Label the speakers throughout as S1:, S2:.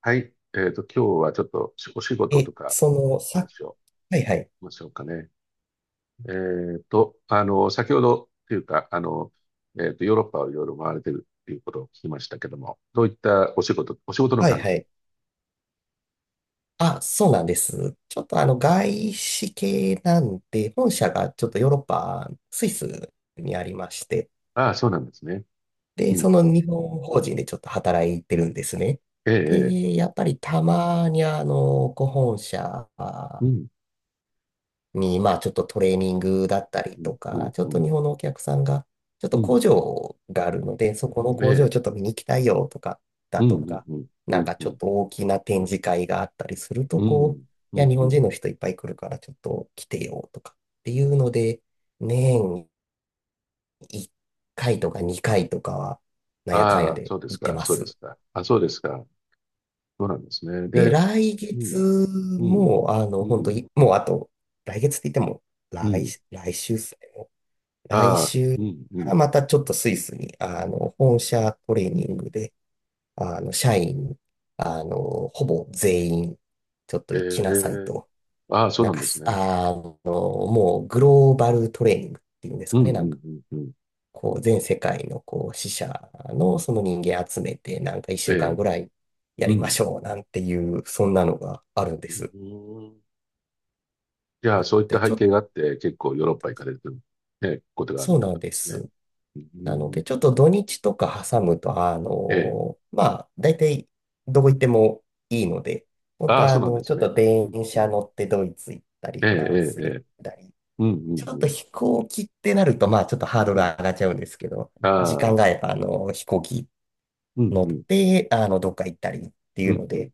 S1: はい。今日はちょっとお仕事
S2: え、
S1: とか
S2: そ
S1: の
S2: の、さ、
S1: 話を
S2: はいはい。
S1: しましょうかね。先ほどというか、ヨーロッパをいろいろ回れてるっていうことを聞きましたけども、どういったお仕事の
S2: はい
S1: 関
S2: は
S1: 係。
S2: い。あ、そうなんです。ちょっと外資系なんで、本社がちょっとヨーロッパ、スイスにありまして、
S1: ああ、そうなんですね。う
S2: で、
S1: ん、
S2: そ
S1: う
S2: の
S1: ん
S2: 日本法人でちょっと働いてるんですね。
S1: ええ、ええ、
S2: で、やっぱりたまにご本社
S1: うん、
S2: に、まあちょっとトレーニングだったり
S1: う
S2: と
S1: ん、う
S2: か、
S1: ん、
S2: ちょっ
S1: う
S2: と
S1: ん、
S2: 日本のお客さんが、ちょっ
S1: う
S2: と工
S1: ん
S2: 場があるので、そこの
S1: え
S2: 工場をち
S1: え、
S2: ょっと見に行きたいよとか、だ
S1: うん、う
S2: と
S1: ん、
S2: か、
S1: うん、
S2: なんか
S1: う
S2: ちょ
S1: ん、う
S2: っと大きな展示会があったりすると、こう、
S1: ん、う
S2: いや、
S1: ん、
S2: 日
S1: う
S2: 本
S1: ん。
S2: 人の人いっぱい来るからちょっと来てよとかっていうので、年1回とか2回とかは、なんやかんや
S1: ああ、
S2: で
S1: そうです
S2: 行って
S1: か、
S2: ま
S1: そうで
S2: す。
S1: すか。あ、そうですか。そうなんですね。
S2: で、
S1: で、
S2: 来
S1: うん、
S2: 月
S1: うん、
S2: も、
S1: う
S2: 本当
S1: ん、
S2: に、もうあと、来月って言っても、
S1: う
S2: 来、
S1: ん。
S2: 来週来
S1: ああ、
S2: 週
S1: うん、うん。
S2: か
S1: う
S2: ら
S1: ん
S2: またちょっとスイスに、本社トレーニングで、社員、ほぼ全員、ちょっと
S1: え
S2: 行きなさい
S1: え、
S2: と。
S1: ああ、そう
S2: なん
S1: なん
S2: か
S1: です
S2: す、
S1: ね。
S2: あの、もうグローバルトレーニングっていうんです
S1: うん、
S2: か
S1: う
S2: ね。なんか、
S1: ん、うん、うん。
S2: こう、全世界の、こう、支社のその人間集めて、なんか一
S1: え
S2: 週間
S1: え、
S2: ぐらいや
S1: う
S2: りま
S1: ん。
S2: しょう、なんていう、そんなのがあるんで
S1: う
S2: す。
S1: ーん。じゃあ、
S2: な
S1: そう
S2: の
S1: いっ
S2: で、
S1: た
S2: ちょ
S1: 背
S2: っ
S1: 景
S2: と、
S1: があって、結構ヨーロッパ行かれてる、ね、ことがあるっ
S2: そう
S1: てこ
S2: なん
S1: となん
S2: で
S1: ですね。
S2: す。
S1: う
S2: なの
S1: ーん、
S2: で、ちょっと土日とか挟むと、
S1: ええ、
S2: まあ、大体どこ行ってもいいので、本当
S1: ああ、
S2: は
S1: そうなんで
S2: ち
S1: す
S2: ょっ
S1: ね。
S2: と
S1: う
S2: 電
S1: ん、う
S2: 車
S1: ん。
S2: 乗ってドイツ行ったり、
S1: ええ、
S2: フランス
S1: ええ、え
S2: 行っ
S1: え、
S2: たり、
S1: うん、う
S2: ちょっ
S1: ん、
S2: と
S1: うん。
S2: 飛行機ってなると、まあ、ちょっとハード
S1: う
S2: ル
S1: ん、
S2: 上がっちゃうんですけど、時間
S1: ああ、
S2: があれば、飛行機
S1: うん、
S2: 乗っ
S1: うん、
S2: て、どっか行ったりっていう
S1: うん、
S2: の
S1: うん。
S2: で、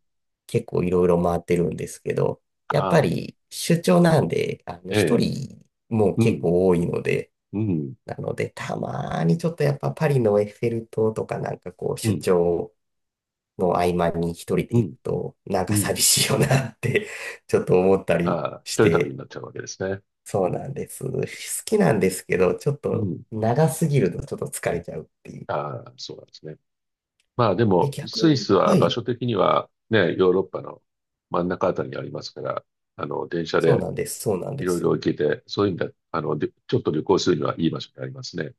S2: 結構いろいろ回ってるんですけど、やっぱ
S1: ああ、
S2: り出張なんで、
S1: え
S2: 一
S1: え、
S2: 人も
S1: う
S2: 結
S1: ん、
S2: 構多いので、
S1: うん、
S2: なので、たまーにちょっとやっぱパリのエッフェル塔とかなんかこう、
S1: う
S2: 出
S1: ん、
S2: 張の合間に一人で
S1: う
S2: 行く
S1: ん、
S2: と、なん
S1: う
S2: か
S1: ん。
S2: 寂しいよなって ちょっと思ったり
S1: ああ、
S2: し
S1: 一人旅
S2: て、
S1: になっちゃうわけですね。
S2: そ
S1: う
S2: う
S1: ん、
S2: なんです。
S1: うん、
S2: 好きなんですけど、ちょっ
S1: うん。う
S2: と
S1: ん
S2: 長すぎるとちょっと疲れちゃうっていう。
S1: ああ、そうなんですね。まあで
S2: え、
S1: も、
S2: 逆
S1: スイ
S2: に、
S1: ス
S2: は
S1: は場
S2: い、
S1: 所的にはね、ヨーロッパの真ん中あたりにありますから、電車
S2: そう
S1: で
S2: なんです、そうなん
S1: い
S2: で
S1: ろいろ
S2: す。
S1: 行けて、そういう意味で、でちょっと旅行するにはいい場所にありますね。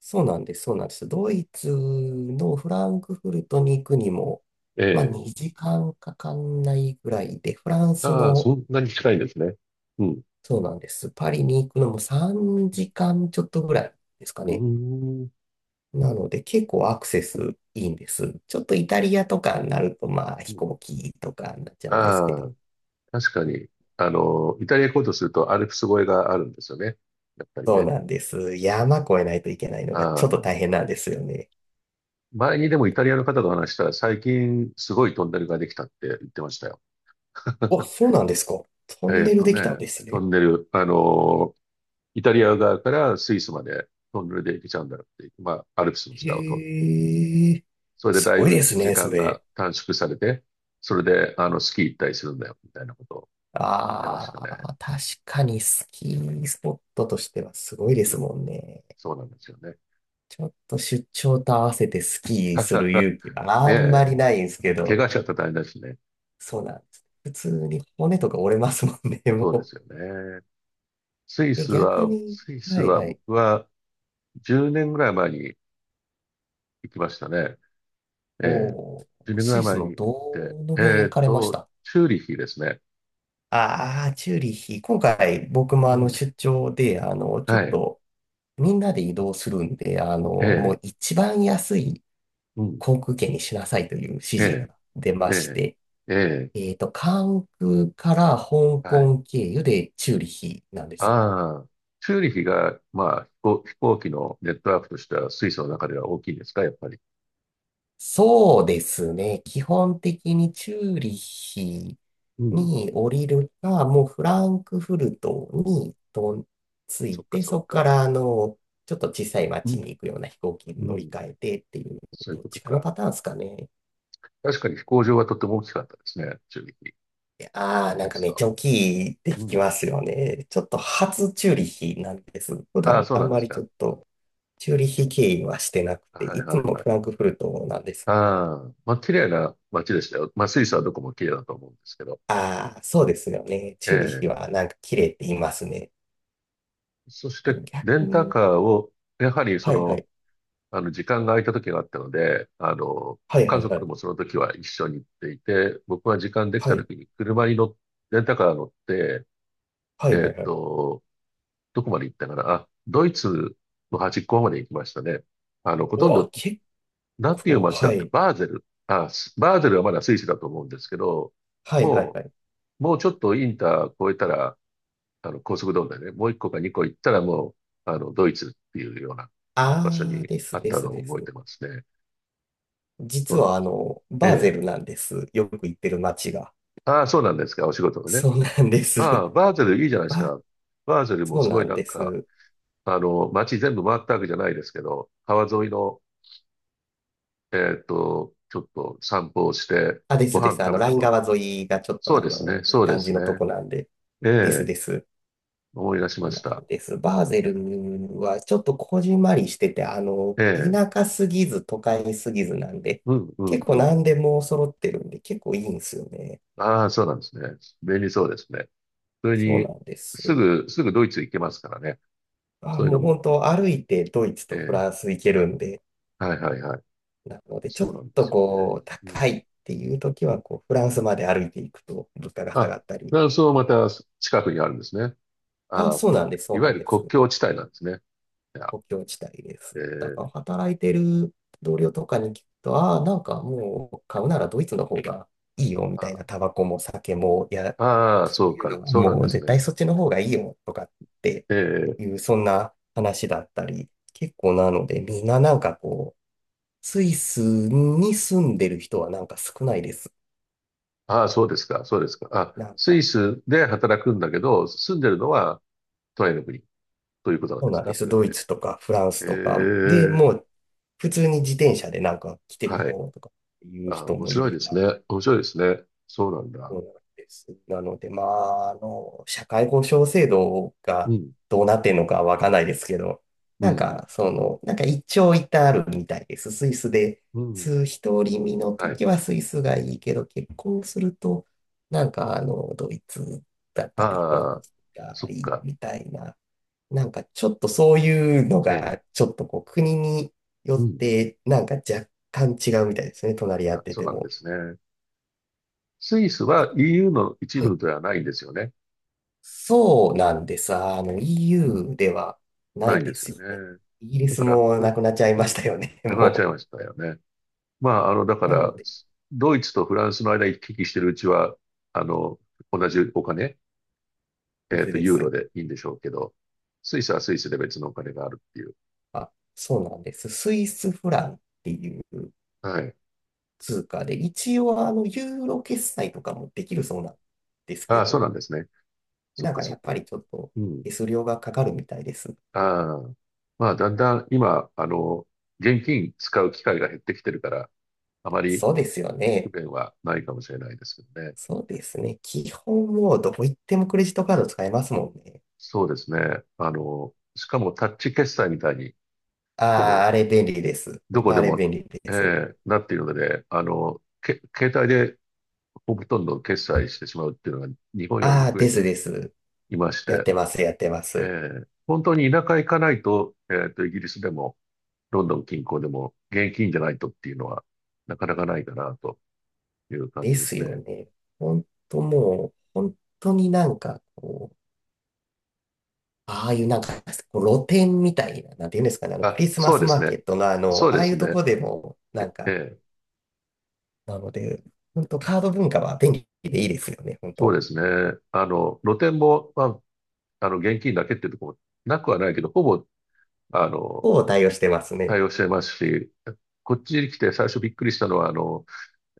S2: そうなんです、そうなんです。ドイツのフランクフルトに行くにも、
S1: え
S2: まあ
S1: え。
S2: 2時間かかんないぐらいで、フランス
S1: ああ、
S2: の
S1: そんなに近いんですね。うん。
S2: そうなんです。パリに行くのも3時間ちょっとぐらいですか
S1: う
S2: ね。
S1: ーん。
S2: なので結構アクセスいいんです。ちょっとイタリアとかになるとまあ
S1: う
S2: 飛
S1: ん
S2: 行機とかになっちゃうんですけ
S1: あ
S2: ど。
S1: あ、確かに、イタリア行こうとするとアルプス越えがあるんですよね。やっぱり
S2: そう
S1: ね。
S2: なんです。山越えないといけないのがちょっと
S1: あ
S2: 大
S1: あ、
S2: 変なんですよね。
S1: 前にでもイタリアの方と話したら最近すごいトンネルができたって言ってましたよ。
S2: あ、そうなんですか。ト
S1: え
S2: ン
S1: ーっ
S2: ネル
S1: と
S2: できたん
S1: ね、
S2: です
S1: ト
S2: ね。
S1: ンネル、イタリア側からスイスまでトンネルで行けちゃうんだっていう、まあ、アルプスの下を通る。
S2: へえ、
S1: それで
S2: す
S1: だい
S2: ごいで
S1: ぶ
S2: す
S1: 時
S2: ね、そ
S1: 間が
S2: れ。
S1: 短縮されて、それで、スキー行ったりするんだよ、みたいなことを言ってまし
S2: あ
S1: たね。
S2: あ、確かにスキースポットとしてはすごいで
S1: う
S2: す
S1: ん、
S2: もんね。
S1: そうなんですよね。
S2: ちょっと出張と合わせてスキーする 勇気が
S1: ね
S2: あんま
S1: え、
S2: りないんですけ
S1: 怪
S2: ど、
S1: 我しちゃったら大変だしね。
S2: そうなんです。普通に骨とか折れますもんね、
S1: そうで
S2: も
S1: すよね。スイ
S2: う。え、
S1: ス
S2: 逆
S1: は、
S2: に、
S1: スイス
S2: はい
S1: は
S2: はい。
S1: 僕は10年ぐらい前に行きましたね。ええ、
S2: おー、
S1: 10年ぐ
S2: ス
S1: ら
S2: イ
S1: い
S2: ス
S1: 前に
S2: の
S1: 行
S2: ど
S1: って、
S2: の辺行かれました
S1: チューリヒですね。
S2: ああー、チューリヒ。今回僕も
S1: うん。
S2: 出張で、ちょっ
S1: はい。
S2: とみんなで移動するんで、
S1: え
S2: もう
S1: え。
S2: 一番安い
S1: うん。
S2: 航空券にしなさいという指
S1: え
S2: 示が
S1: え。
S2: 出ま
S1: え
S2: して、
S1: え。え
S2: えっと、関空から香
S1: え。はい。
S2: 港経由でチューリヒなんです。
S1: ああ。チューリヒが、まあ、飛行機のネットワークとしては、スイスの中では大きいですか、やっぱり。
S2: そうですね。基本的にチューリヒ
S1: うん。
S2: に降りるか、もうフランクフルトにと着
S1: そ
S2: い
S1: っか、
S2: て、
S1: そっ
S2: そこか
S1: か。
S2: らちょっと小さい
S1: う
S2: 町
S1: ん。
S2: に行くような飛行機に
S1: う
S2: 乗り
S1: ん。
S2: 換えてっていう、
S1: そうい
S2: ど
S1: う
S2: っ
S1: こと
S2: ちかの
S1: か。
S2: パターンですかね。
S1: 確かに飛行場はとても大きかったですね、チューリヒ。
S2: ああ
S1: 思
S2: ー、
S1: い
S2: なん
S1: 出
S2: か
S1: す
S2: めっち
S1: と。
S2: ゃ大きいって
S1: う
S2: 聞き
S1: ん。
S2: ますよね。ちょっと初チューリヒなんです。普
S1: ああ、
S2: 段
S1: そう
S2: あん
S1: なんで
S2: ま
S1: す
S2: りちょ
S1: か。
S2: っとチューリヒ経由はしてなくて、
S1: はい、
S2: いつ
S1: はい、
S2: も
S1: はい。
S2: フランクフルトなんです。
S1: ああ。まあ、綺麗な街でしたよ。まあ、スイスはどこも綺麗だと思うんですけど。
S2: ああ、そうですよね。
S1: え
S2: チューリヒ
S1: え。
S2: はなんか綺麗って言いますね。
S1: そし
S2: でも
S1: て、レ
S2: 逆
S1: ンタ
S2: に、
S1: カーを、やはり
S2: はいはい、
S1: 時間が空いた時があったので、
S2: はい
S1: 家
S2: はいは
S1: 族
S2: い、
S1: もその時は一緒に行っていて、僕は時間でき
S2: は
S1: た
S2: い、
S1: 時に車に乗っ、レンタカー乗って、
S2: は
S1: え
S2: いは
S1: ーっ
S2: いはい。
S1: と、どこまで行ったかなあ、ドイツの端っこまで行きましたね。ほ
S2: う
S1: とん
S2: わ、
S1: ど、
S2: 結
S1: なんていう
S2: 構、
S1: 街だ
S2: は
S1: って、
S2: い、
S1: バーゼル。あ、スバーゼルはまだスイスだと思うんですけど、
S2: はいはい
S1: も
S2: はい。
S1: もうちょっとインター越えたら、高速道路だよね。もう一個か二個行ったらもう、ドイツっていうような場所
S2: ああ、
S1: に
S2: で
S1: あ
S2: す
S1: っ
S2: で
S1: た
S2: す
S1: のを
S2: で
S1: 覚え
S2: す。
S1: てますね。そ
S2: 実
S1: うなんで
S2: は
S1: すよ。え
S2: バーゼル
S1: え
S2: なんです。よく行ってる街が。
S1: ああ、そうなんですか、お仕事のね。
S2: そうなんで
S1: あ
S2: す。
S1: あ、バーゼルいいじゃないです
S2: ば、
S1: か。バーゼルも
S2: そう
S1: すご
S2: な
S1: い
S2: ん
S1: なん
S2: で
S1: か、
S2: す。
S1: 街全部回ったわけじゃないですけど、川沿いの、ちょっと散歩をして、
S2: あ、です
S1: ご
S2: で
S1: 飯
S2: す。
S1: 食べ
S2: ラ
S1: た
S2: イン
S1: の。
S2: 川沿いがちょっと
S1: そうですね、
S2: いい
S1: そうで
S2: 感じ
S1: す
S2: のと
S1: ね。
S2: こなんで。
S1: え
S2: です
S1: え、
S2: です。
S1: 思い出しました。
S2: です。バーゼルはちょっとこじんまりしてて、
S1: ええ、
S2: 田舎すぎず都会すぎずなんで、
S1: うん、う
S2: 結
S1: ん、
S2: 構
S1: うん。
S2: 何でも揃ってるんで、結構いいんですよね。
S1: ああ、そうなんですね。便利そうですね。それ
S2: そう
S1: に、
S2: なんです。
S1: すぐドイツ行けますからね。
S2: あ、
S1: そういう
S2: も
S1: の
S2: う
S1: も。
S2: 本当歩いてドイツ
S1: え
S2: とフ
S1: え、
S2: ランス行けるんで、
S1: はいはいはい。
S2: なのでちょ
S1: そうな
S2: っ
S1: んで
S2: と
S1: すよね。
S2: こう、
S1: うん、
S2: 高いっていう時は、こう、フランスまで歩いていくと物価が下が
S1: あ、
S2: った
S1: フ
S2: り。
S1: ランスもまた近くにあるんですね。
S2: あ、
S1: ああ、
S2: そうなんです、
S1: い
S2: そう
S1: わ
S2: な
S1: ゆ
S2: ん
S1: る
S2: で
S1: 国
S2: す。
S1: 境地帯なんですね。いや
S2: 国境地帯です。
S1: え
S2: だから
S1: ー、
S2: 働いてる同僚とかに聞くと、ああ、なんかもう買うならドイツの方がいいよみたいな、タ
S1: あ
S2: バコも酒も、いや、
S1: あ、ああ
S2: そ
S1: そ
S2: う
S1: う
S2: いうの
S1: か、
S2: は
S1: そうなん
S2: もう
S1: です
S2: 絶対
S1: ね。
S2: そっちの方がいいよとかって
S1: ええ、
S2: いう、そんな話だったり、結構なので、みんななんかこう、スイスに住んでる人はなんか少ないです。
S1: ああ、そうですか、そうですか。あ、
S2: なん
S1: ス
S2: か、
S1: イスで働くんだけど、住んでるのはトライの国ということなん
S2: そう
S1: です
S2: なんで
S1: か、そ
S2: す。
S1: れっ
S2: ドイ
S1: て。
S2: ツとかフランス
S1: え
S2: とかで
S1: え、
S2: もう普通に自転車でなんか来てみ
S1: はい。
S2: ようとかっていう
S1: ああ、
S2: 人
S1: 面
S2: もい
S1: 白い
S2: れ
S1: です
S2: ば、
S1: ね。面白いですね。そうなんだ。
S2: そうなんです。なので、まあ、社会保障制度
S1: う
S2: が
S1: ん、
S2: どうなってんのかわかんないですけど、
S1: う
S2: なん
S1: ん、
S2: か、そ
S1: う
S2: の、なんか一長一短あるみたいです。スイスで、
S1: ん、うん。
S2: 独り身の
S1: はい。
S2: 時はスイスがいいけど、結婚すると、なんか、ドイツだったり、フラ
S1: あ
S2: ン
S1: あ、
S2: スが
S1: そっ
S2: いい
S1: か。
S2: みたいな、なんかちょっとそういうの
S1: ええ、
S2: が、ちょっとこう、国によ
S1: う
S2: っ
S1: ん。
S2: て、なんか若干違うみたいですね、隣り合っ
S1: あ、
S2: て
S1: そう
S2: て
S1: なんで
S2: も。
S1: すね。スイスは EU の一部ではないんですよね。
S2: そうなんです。EU ではな
S1: な
S2: い
S1: いんで
S2: で
S1: す
S2: す
S1: よ
S2: よね。
S1: ね。
S2: イギリ
S1: だ
S2: ス
S1: から、
S2: もな
S1: ふ
S2: くなっちゃい
S1: う
S2: まし
S1: ん、
S2: たよね、
S1: なくなっちゃい
S2: も
S1: ましたよね。まあ、だか
S2: う。なの
S1: ら、
S2: で、
S1: ドイツとフランスの間行き来してるうちは、あの、同じお金、
S2: ですで
S1: ユーロ
S2: す。
S1: でいいんでしょうけど、スイスはスイスで別のお金があるっていう。
S2: あ、そうなんです。スイスフランっていう
S1: はい。
S2: 通貨で、一応、ユーロ決済とかもできるそうなんです
S1: あ
S2: け
S1: あ、そう
S2: ど、
S1: なんですね。そっ
S2: なん
S1: か
S2: か
S1: そ
S2: や
S1: っ
S2: っぱ
S1: か。
S2: りちょっと
S1: うん。
S2: 手数料がかかるみたいです。
S1: ああ。まあ、だんだん今、現金使う機会が減ってきてるから、あまり
S2: そうですよ
S1: 不
S2: ね。
S1: 便はないかもしれないですけどね。
S2: そうですね。基本もうどこ行ってもクレジットカード使えますもんね。
S1: そうですね。しかもタッチ決済みたいに、ほ
S2: ああ、
S1: ぼ
S2: あれ便利です。
S1: ど
S2: 本
S1: こ
S2: 当あ
S1: で
S2: れ
S1: も、
S2: 便利で
S1: え
S2: す。
S1: えなっているので、携帯でほとんど決済してしまうっていうのが日本より
S2: あ
S1: も
S2: あ、
S1: 増え
S2: で
S1: て
S2: すです。
S1: いまし
S2: やっ
S1: て、
S2: てます、やってます。
S1: ええ本当に田舎行かないと、イギリスでも、ロンドン近郊でも、現金じゃないとっていうのは、なかなかないかなという感
S2: で
S1: じで
S2: す
S1: す
S2: よ
S1: ね。
S2: ね。ほんともう、本当になんかこう、ああいうなんか、こう露店みたいな、なんていうんですかね、ク
S1: あ、
S2: リスマ
S1: そう
S2: ス
S1: で
S2: マ
S1: す
S2: ーケ
S1: ね。
S2: ットのあの、
S1: そう
S2: あ
S1: で
S2: あい
S1: す
S2: うと
S1: ね。
S2: こでも、な
S1: え、
S2: ん
S1: え
S2: か、
S1: え
S2: なので、本当カード文化は便利でいいですよね、本
S1: そう
S2: 当。
S1: ですね。露店も、まあ、現金だけっていうところもなくはないけど、ほぼ、あの、
S2: を対応してますね。
S1: 対応してますし、こっちに来て最初びっくりしたのは、あの、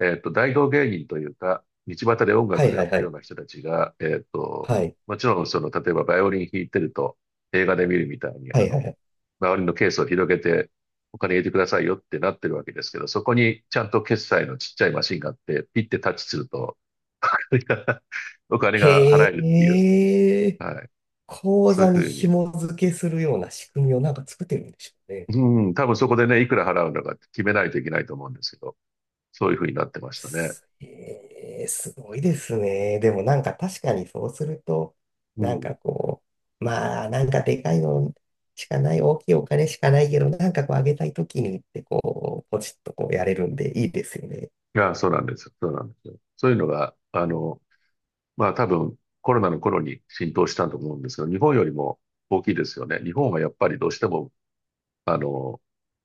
S1: えっと、大道芸人というか、道端で音
S2: はい
S1: 楽や
S2: は
S1: っ
S2: い
S1: て
S2: は
S1: るよう
S2: い。
S1: な人たちが、
S2: はい。
S1: もちろん、例えばバイオリン弾いてると、映画で見るみたいに、
S2: はいはいはい。
S1: バイオリンのケースを広げて、お金入れてくださいよってなってるわけですけど、そこにちゃんと決済のちっちゃいマシンがあって、ピッてタッチすると、お金が払
S2: へ
S1: えるっていう、
S2: え、
S1: はい。
S2: 口
S1: そうい
S2: 座
S1: うふ
S2: に
S1: うに。
S2: 紐付けするような仕組みをなんか作ってるんでしょうね。
S1: うん、多分そこでね、いくら払うのかって決めないといけないと思うんですけど、そういうふうになってましたね。
S2: すえーすごいですね。でもなんか確かにそうすると、
S1: う
S2: な
S1: ん。
S2: ん
S1: い
S2: かこう、まあなんかでかいのしかない、大きいお金しかないけど、なんかこうあげたいときにってこう、ポチッとこうやれるんでいいですよね。
S1: や、そうなんですよ。そうなんですよ。そういうのが、まあ多分コロナの頃に浸透したと思うんですが、日本よりも大きいですよね。日本はやっぱりどうしても、あの、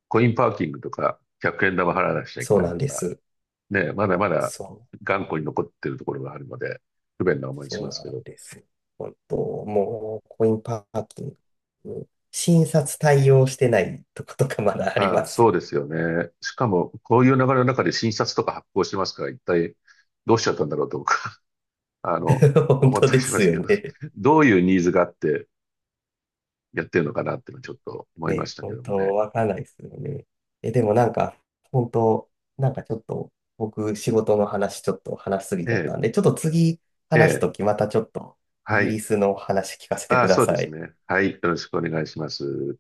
S1: コインパーキングとか、100円玉払わなくちゃいけ
S2: そう
S1: ない
S2: なん
S1: と
S2: で
S1: か、
S2: す。
S1: ね、まだまだ
S2: そ
S1: 頑
S2: う。
S1: 固に残ってるところがあるので、不便な思いし
S2: そう
S1: ます
S2: な
S1: け
S2: ん
S1: ど。
S2: です。本当、もうコインパーキング、診察対応してないとことかまだあり
S1: あ
S2: ま
S1: あ、
S2: す
S1: そう
S2: よ。
S1: ですよね。しかも、こういう流れの中で新札とか発行してますから、一体どうしちゃったんだろうと僕、あの、
S2: 本
S1: 思っ
S2: 当
S1: たり
S2: で
S1: しま
S2: す
S1: す
S2: よ
S1: けど、
S2: ね。
S1: どういうニーズがあって、やってるのかなっていうのはちょっと思いま
S2: ね、
S1: したけ
S2: 本
S1: どもね。
S2: 当わかんないですよね。え、でもなんか、本当なんかちょっと、僕、仕事の話ちょっと話しすぎ
S1: え
S2: ちゃった
S1: え、
S2: んで、ちょっと次
S1: え
S2: 話す
S1: え、
S2: ときまたちょっと、イ
S1: は
S2: ギリ
S1: い。
S2: スの話聞かせて
S1: あ
S2: く
S1: あ、
S2: だ
S1: そう
S2: さ
S1: です
S2: い。
S1: ね。はい。よろしくお願いします。